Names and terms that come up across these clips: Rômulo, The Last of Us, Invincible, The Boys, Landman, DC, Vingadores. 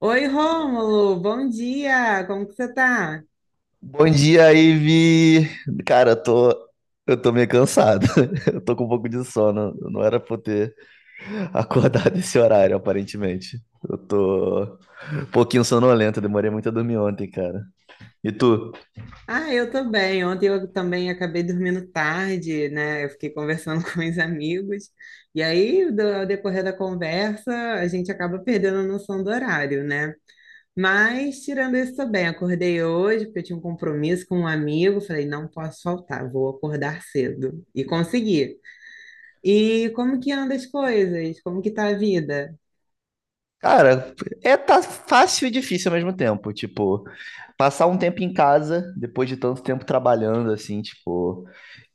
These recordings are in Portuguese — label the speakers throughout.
Speaker 1: Oi, Rômulo, bom dia, como que você tá?
Speaker 2: Bom dia, Ivi. Cara, eu tô meio cansado. Eu tô com um pouco de sono. Não era pra eu ter acordado esse horário, aparentemente. Eu tô um pouquinho sonolento. Eu Demorei muito a dormir ontem, cara. E tu?
Speaker 1: Ah, eu tô bem. Ontem eu também acabei dormindo tarde, né? Eu fiquei conversando com os amigos. E aí, ao decorrer da conversa, a gente acaba perdendo a noção do horário, né? Mas, tirando isso, tô bem. Acordei hoje porque eu tinha um compromisso com um amigo. Falei, não posso faltar, vou acordar cedo. E consegui. E como que anda as coisas? Como que tá a vida?
Speaker 2: Cara, é tá fácil e difícil ao mesmo tempo. Tipo, passar um tempo em casa, depois de tanto tempo trabalhando, assim, tipo,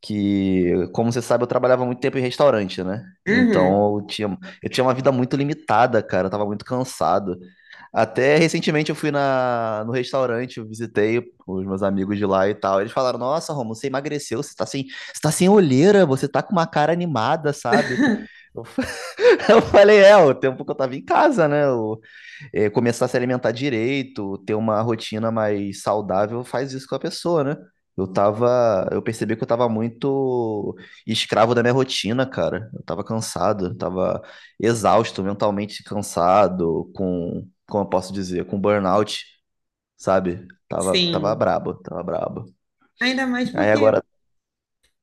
Speaker 2: que, como você sabe, eu trabalhava muito tempo em restaurante, né?
Speaker 1: Uhum.
Speaker 2: Então eu tinha uma vida muito limitada, cara, eu tava muito cansado. Até recentemente eu fui no restaurante, eu visitei os meus amigos de lá e tal. Eles falaram: Nossa, Romulo, você emagreceu, você tá sem olheira, você tá com uma cara animada, sabe? Eu, eu falei: É, o tempo que eu tava em casa, né? Eu é, começar a se alimentar direito, ter uma rotina mais saudável, faz isso com a pessoa, né? Eu percebi que eu tava muito escravo da minha rotina, cara. Eu tava cansado, eu tava exausto, mentalmente cansado, com, como eu posso dizer, com burnout, sabe? Tava
Speaker 1: Sim.
Speaker 2: brabo, tava brabo.
Speaker 1: Ainda mais
Speaker 2: Aí
Speaker 1: porque
Speaker 2: agora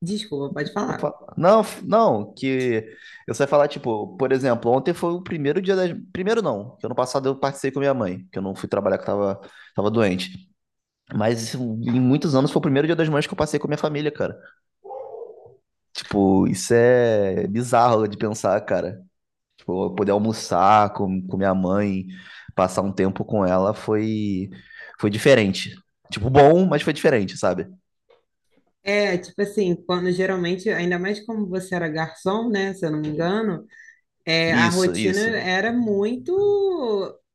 Speaker 1: Desculpa, pode
Speaker 2: não,
Speaker 1: falar.
Speaker 2: fa- não, f- não, que eu só ia falar, tipo, por exemplo, ontem foi o primeiro dia das. Primeiro não, que ano passado eu participei com minha mãe, que eu não fui trabalhar, que eu tava doente. Mas isso, em muitos anos foi o primeiro Dia das Mães que eu passei com a minha família, cara. Tipo, isso é bizarro de pensar, cara. Tipo, eu poder almoçar com minha mãe, passar um tempo com ela foi diferente. Tipo, bom, mas foi diferente, sabe?
Speaker 1: É, tipo assim, quando geralmente, ainda mais como você era garçom, né, se eu não me engano, é, a
Speaker 2: Isso,
Speaker 1: rotina
Speaker 2: isso.
Speaker 1: era muito,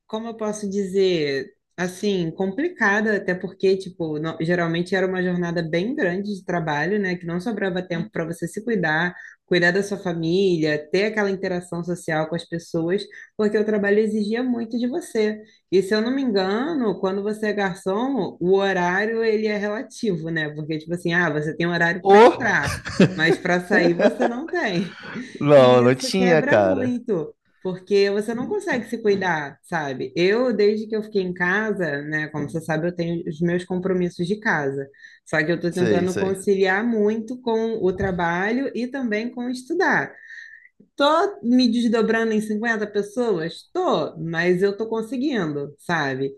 Speaker 1: como eu posso dizer, assim, complicada, até porque, tipo, geralmente era uma jornada bem grande de trabalho, né? Que não sobrava tempo para você se cuidar, cuidar da sua família, ter aquela interação social com as pessoas, porque o trabalho exigia muito de você. E se eu não me engano, quando você é garçom, o horário ele é relativo, né? Porque, tipo assim, ah, você tem horário
Speaker 2: Ô!
Speaker 1: para entrar, mas para sair você não tem.
Speaker 2: Não,
Speaker 1: E
Speaker 2: não
Speaker 1: isso
Speaker 2: tinha,
Speaker 1: quebra
Speaker 2: cara.
Speaker 1: muito, porque você não consegue se cuidar, sabe? Eu, desde que eu fiquei em casa, né, como você sabe, eu tenho os meus compromissos de casa. Só que eu tô
Speaker 2: Sei,
Speaker 1: tentando
Speaker 2: sei.
Speaker 1: conciliar muito com o trabalho e também com estudar. Tô me desdobrando em 50 pessoas? Tô, mas eu tô conseguindo, sabe?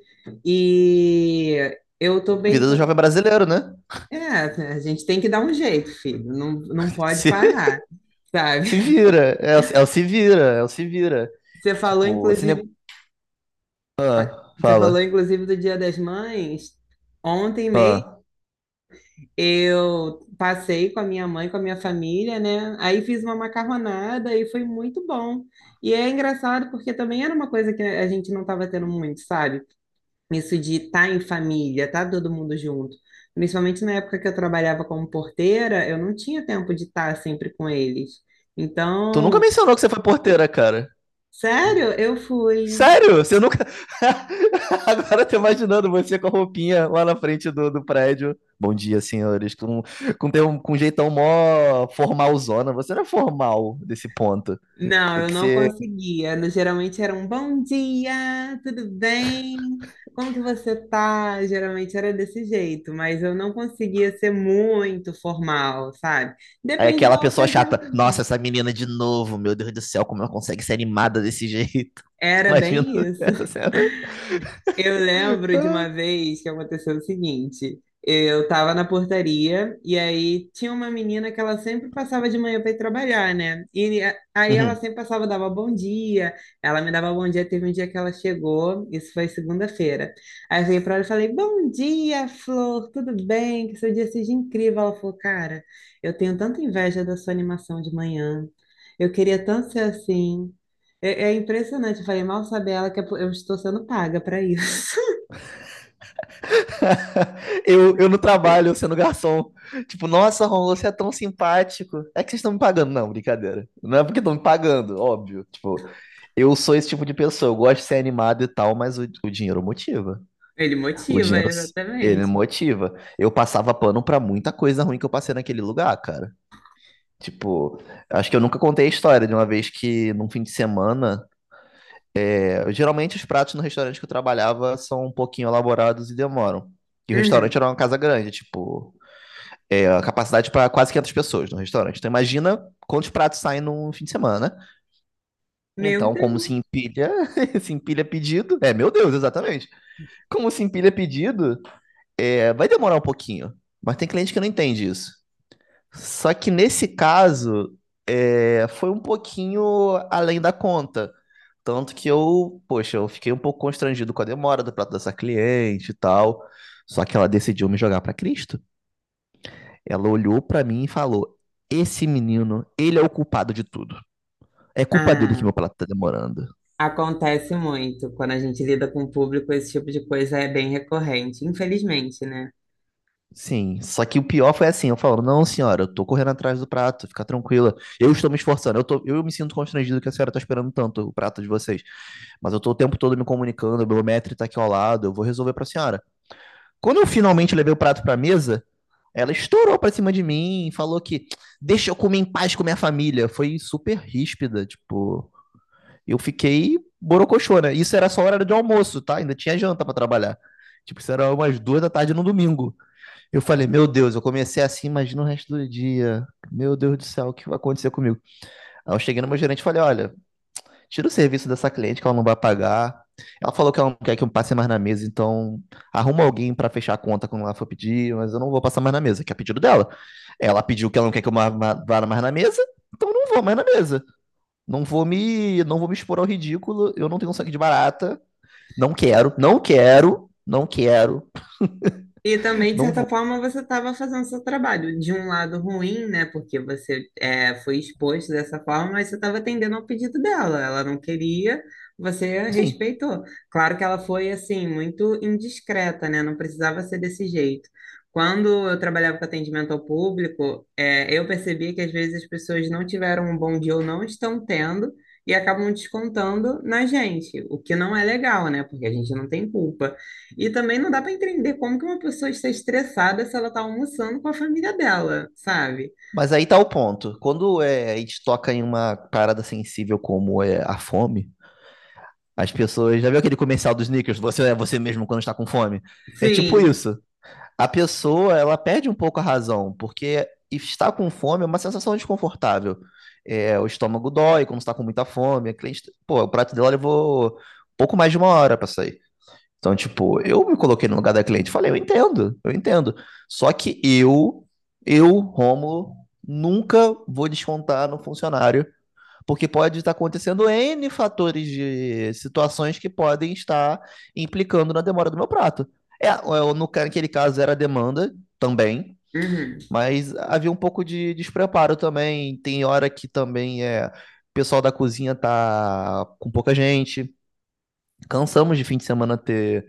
Speaker 1: E eu tô
Speaker 2: A
Speaker 1: bem.
Speaker 2: vida do jovem brasileiro, né?
Speaker 1: É, a gente tem que dar um jeito, filho. Não, não pode
Speaker 2: Se,
Speaker 1: parar, sabe?
Speaker 2: se vira. é o se vira, é o se vira.
Speaker 1: Você falou,
Speaker 2: Tipo, esse negócio.
Speaker 1: inclusive, Olha,
Speaker 2: Ah,
Speaker 1: Você falou,
Speaker 2: fala.
Speaker 1: inclusive, do Dia das Mães. Ontem mesmo
Speaker 2: Ah,
Speaker 1: eu passei com a minha mãe, com a minha família, né? Aí fiz uma macarronada e foi muito bom. E é engraçado porque também era uma coisa que a gente não estava tendo muito, sabe? Isso de estar em família, estar todo mundo junto. Principalmente na época que eu trabalhava como porteira, eu não tinha tempo de estar sempre com eles.
Speaker 2: tu nunca
Speaker 1: Então,
Speaker 2: mencionou que você foi porteira, cara.
Speaker 1: sério, eu fui.
Speaker 2: Sério? Você nunca. Agora eu tô imaginando você com a roupinha lá na frente do prédio. Bom dia, senhores. Com um jeitão mó formalzona. Você não é formal desse ponto.
Speaker 1: Não,
Speaker 2: Tem
Speaker 1: eu
Speaker 2: que
Speaker 1: não
Speaker 2: ser
Speaker 1: conseguia. Geralmente era um bom dia, tudo bem? Como que você tá? Geralmente era desse jeito, mas eu não conseguia ser muito formal, sabe?
Speaker 2: aí
Speaker 1: Depende
Speaker 2: aquela
Speaker 1: da
Speaker 2: pessoa
Speaker 1: ocasião
Speaker 2: chata. Nossa,
Speaker 1: também.
Speaker 2: essa menina de novo. Meu Deus do céu, como ela consegue ser animada desse jeito?
Speaker 1: Era
Speaker 2: Imagino
Speaker 1: bem isso.
Speaker 2: essa cena.
Speaker 1: Eu lembro de uma vez que aconteceu o seguinte: eu tava na portaria e aí tinha uma menina que ela sempre passava de manhã para ir trabalhar, né? Aí ela
Speaker 2: Uhum.
Speaker 1: sempre passava, dava bom dia, ela me dava bom dia. Teve um dia que ela chegou, isso foi segunda-feira. Aí eu veio para ela e falei: Bom dia, Flor, tudo bem? Que seu dia seja incrível. Ela falou: Cara, eu tenho tanta inveja da sua animação de manhã. Eu queria tanto ser assim. É, é impressionante, eu falei, mal sabe ela que eu estou sendo paga para isso.
Speaker 2: eu no trabalho, sendo garçom. Tipo, nossa, Ron, você é tão simpático. É que vocês estão me pagando. Não, brincadeira. Não é porque estão me pagando, óbvio. Tipo, eu sou esse tipo de pessoa. Eu gosto de ser animado e tal, mas o dinheiro motiva.
Speaker 1: Ele
Speaker 2: O
Speaker 1: motiva,
Speaker 2: dinheiro, ele
Speaker 1: exatamente.
Speaker 2: motiva. Eu passava pano pra muita coisa ruim que eu passei naquele lugar, cara. Tipo, acho que eu nunca contei a história de uma vez que num fim de semana é, geralmente os pratos no restaurante que eu trabalhava são um pouquinho elaborados e demoram. E o restaurante
Speaker 1: Uhum.
Speaker 2: era uma casa grande, tipo, é, a capacidade para quase 500 pessoas no restaurante. Então imagina quantos pratos saem num fim de semana. Né?
Speaker 1: Meu
Speaker 2: Então, como
Speaker 1: Deus.
Speaker 2: se empilha, se empilha pedido. É, meu Deus, exatamente. Como se empilha pedido, é, vai demorar um pouquinho. Mas tem cliente que não entende isso. Só que nesse caso, é, foi um pouquinho além da conta. Tanto que eu, poxa, eu fiquei um pouco constrangido com a demora do prato dessa cliente e tal. Só que ela decidiu me jogar pra Cristo. Ela olhou pra mim e falou: Esse menino, ele é o culpado de tudo. É culpa dele que
Speaker 1: Ah,
Speaker 2: meu prato tá demorando.
Speaker 1: acontece muito. Quando a gente lida com o público, esse tipo de coisa é bem recorrente, infelizmente, né?
Speaker 2: Sim, só que o pior foi assim, eu falo, não, senhora, eu tô correndo atrás do prato, fica tranquila. Eu estou me esforçando, eu me sinto constrangido que a senhora tá esperando tanto o prato de vocês. Mas eu tô o tempo todo me comunicando, o Belmetri tá aqui ao lado, eu vou resolver pra senhora. Quando eu finalmente levei o prato pra mesa, ela estourou pra cima de mim e falou que deixa eu comer em paz com minha família. Foi super ríspida, tipo. Eu fiquei borocochô, né? Isso era só hora de almoço, tá? Ainda tinha janta pra trabalhar. Tipo, isso era umas duas da tarde no domingo. Eu falei, meu Deus, eu comecei assim, imagina o resto do dia. Meu Deus do céu, o que vai acontecer comigo? Aí eu cheguei no meu gerente e falei, olha, tira o serviço dessa cliente que ela não vai pagar. Ela falou que ela não quer que eu passe mais na mesa, então arruma alguém pra fechar a conta quando ela for pedir, mas eu não vou passar mais na mesa, que é pedido dela. Ela pediu que ela não quer que eu vá mais na mesa, então eu não vou mais na mesa. Não vou me expor ao ridículo, eu não tenho sangue de barata, não quero, não quero, não quero,
Speaker 1: E também, de
Speaker 2: não
Speaker 1: certa
Speaker 2: vou.
Speaker 1: forma, você estava fazendo seu trabalho. De um lado ruim, né? Porque você é, foi exposto dessa forma, mas você estava atendendo ao pedido dela. Ela não queria, você
Speaker 2: Sim.
Speaker 1: respeitou. Claro que ela foi, assim, muito indiscreta, né? Não precisava ser desse jeito. Quando eu trabalhava com atendimento ao público, é, eu percebi que às vezes as pessoas não tiveram um bom dia ou não estão tendo e acabam descontando na gente, o que não é legal, né? Porque a gente não tem culpa. E também não dá para entender como que uma pessoa está estressada se ela está almoçando com a família dela, sabe?
Speaker 2: Mas aí tá o ponto. Quando é, a gente toca em uma parada sensível como é a fome, as pessoas. Já viu aquele comercial dos Snickers? Você é você mesmo quando está com fome? É tipo
Speaker 1: Sim.
Speaker 2: isso. A pessoa, ela perde um pouco a razão, porque estar com fome é uma sensação desconfortável. É, o estômago dói quando está com muita fome. A cliente, pô, o prato dela levou pouco mais de uma hora para sair. Então, tipo, eu me coloquei no lugar da cliente e falei, eu entendo, eu entendo. Só que eu, Rômulo, nunca vou descontar no funcionário porque pode estar acontecendo N fatores de situações que podem estar implicando na demora do meu prato. É, no, ca- naquele caso era demanda também,
Speaker 1: Uhum.
Speaker 2: mas havia um pouco de despreparo também. Tem hora que também é, o pessoal da cozinha tá com pouca gente. Cansamos de fim de semana ter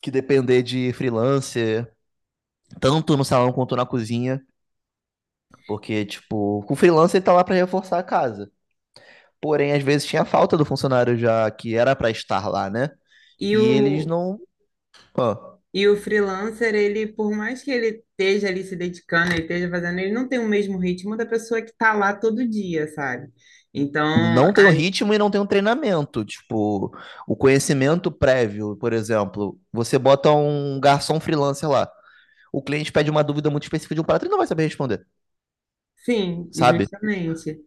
Speaker 2: que depender de freelancer, tanto no salão quanto na cozinha. Porque, tipo, com freelancer ele tá lá para reforçar a casa. Porém, às vezes tinha falta do funcionário já que era para estar lá, né?
Speaker 1: E
Speaker 2: E eles
Speaker 1: o,
Speaker 2: não, ó,
Speaker 1: e o freelancer, ele, por mais que ele esteja ali se dedicando, ele esteja fazendo, ele não tem o mesmo ritmo da pessoa que está lá todo dia, sabe? Então,
Speaker 2: não tem o
Speaker 1: a-
Speaker 2: ritmo e não tem o treinamento. Tipo, o conhecimento prévio, por exemplo, você bota um garçom freelancer lá. O cliente pede uma dúvida muito específica de um prato, ele não vai saber responder,
Speaker 1: sim,
Speaker 2: sabe?
Speaker 1: justamente.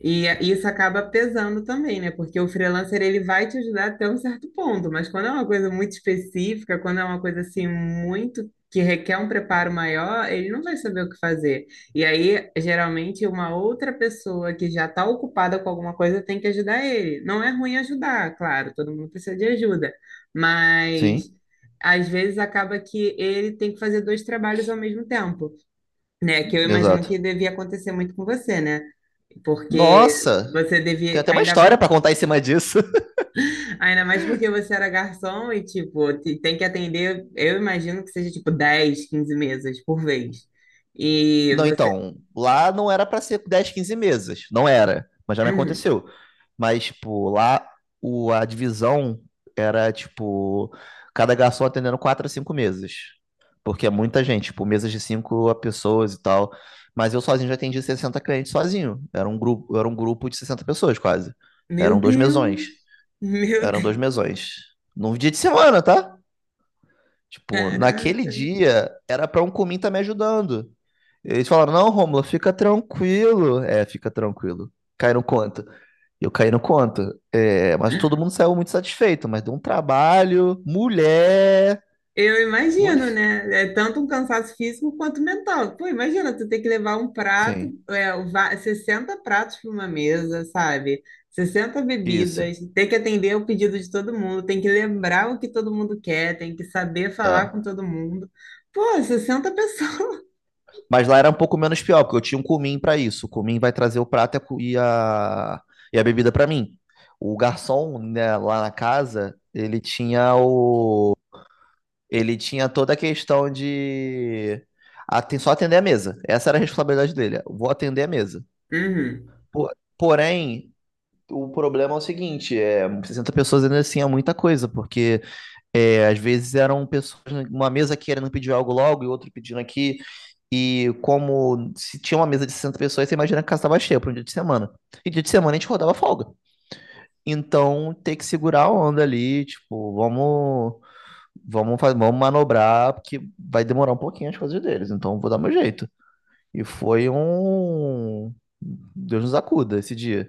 Speaker 1: Isso acaba pesando também, né? Porque o freelancer ele vai te ajudar até um certo ponto, mas quando é uma coisa muito específica, quando é uma coisa assim muito que requer um preparo maior, ele não vai saber o que fazer. E aí, geralmente, uma outra pessoa que já está ocupada com alguma coisa tem que ajudar ele. Não é ruim ajudar, claro, todo mundo precisa de ajuda, mas
Speaker 2: Sim,
Speaker 1: às vezes acaba que ele tem que fazer dois trabalhos ao mesmo tempo, né? Que eu imagino
Speaker 2: exato.
Speaker 1: que devia acontecer muito com você, né? Porque
Speaker 2: Nossa,
Speaker 1: você
Speaker 2: tem
Speaker 1: devia,
Speaker 2: até uma história pra contar em cima disso.
Speaker 1: ainda mais porque você era garçom e, tipo, tem que atender, eu imagino que seja, tipo, 10 15 mesas por vez. E
Speaker 2: Não,
Speaker 1: você,
Speaker 2: então, lá não era pra ser 10, 15 mesas, não era, mas já me
Speaker 1: hum,
Speaker 2: aconteceu. Mas, tipo, lá o, a divisão era, tipo, cada garçom atendendo quatro a cinco mesas. Porque é muita gente, tipo, mesas de cinco pessoas e tal. Mas eu sozinho já atendi 60 clientes sozinho. Era um grupo de 60 pessoas, quase.
Speaker 1: meu
Speaker 2: Eram dois mesões.
Speaker 1: Deus, meu
Speaker 2: Eram dois
Speaker 1: Deus,
Speaker 2: mesões. Num dia de semana, tá? Tipo, naquele
Speaker 1: caraca.
Speaker 2: dia era pra um cumim tá me ajudando. Eles falaram, não, Rômulo, fica tranquilo. É, fica tranquilo. Cai no conto. Eu caí no conto. É, mas todo mundo saiu muito satisfeito, mas deu um trabalho. Mulher.
Speaker 1: Eu imagino,
Speaker 2: Mulher.
Speaker 1: né? É tanto um cansaço físico quanto mental. Pô, imagina, tu ter que levar um prato,
Speaker 2: Sim,
Speaker 1: é, 60 pratos para uma mesa, sabe? 60
Speaker 2: isso.
Speaker 1: bebidas, ter que atender o pedido de todo mundo, tem que lembrar o que todo mundo quer, tem que saber falar
Speaker 2: É.
Speaker 1: com todo mundo. Pô, 60 pessoas.
Speaker 2: Mas lá era um pouco menos pior, porque eu tinha um cumim pra isso. O cumim vai trazer o prato e a, e a bebida pra mim. O garçom, né, lá na casa, ele tinha o ele tinha toda a questão de só atender a mesa. Essa era a responsabilidade dele. Vou atender a mesa.
Speaker 1: Uhum.
Speaker 2: Po- Porém, o problema é o seguinte, é, 60 pessoas ainda assim é muita coisa, porque é, às vezes eram pessoas numa mesa querendo pedir algo logo e outro pedindo aqui. E como se tinha uma mesa de 60 pessoas, você imagina que a casa estava cheia para um dia de semana. E dia de semana a gente rodava folga. Então, ter que segurar a onda ali, tipo, vamos manobrar, porque vai demorar um pouquinho as coisas deles, então vou dar meu jeito. E foi um. Deus nos acuda esse dia.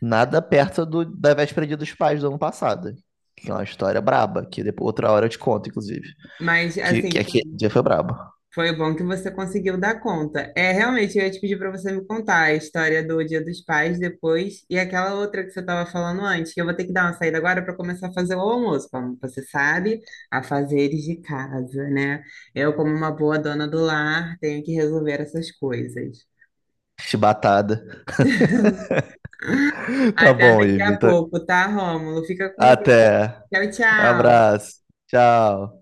Speaker 2: Nada perto do, da véspera Dia dos Pais do ano passado. Que é uma história braba, que depois outra hora eu te conto, inclusive.
Speaker 1: Mas,
Speaker 2: Que
Speaker 1: assim,
Speaker 2: aquele dia foi brabo.
Speaker 1: Foi bom que você conseguiu dar conta. É, realmente, eu ia te pedir para você me contar a história do Dia dos Pais depois e aquela outra que você estava falando antes, que eu vou ter que dar uma saída agora para começar a fazer o almoço, como você sabe, afazeres de casa, né? Eu, como uma boa dona do lar, tenho que resolver essas coisas.
Speaker 2: Chibatada. Tá
Speaker 1: Até
Speaker 2: bom,
Speaker 1: daqui
Speaker 2: Ivi.
Speaker 1: a pouco, tá, Rômulo? Fica com Deus.
Speaker 2: Até.
Speaker 1: Tchau, tchau.
Speaker 2: Abraço. Tchau.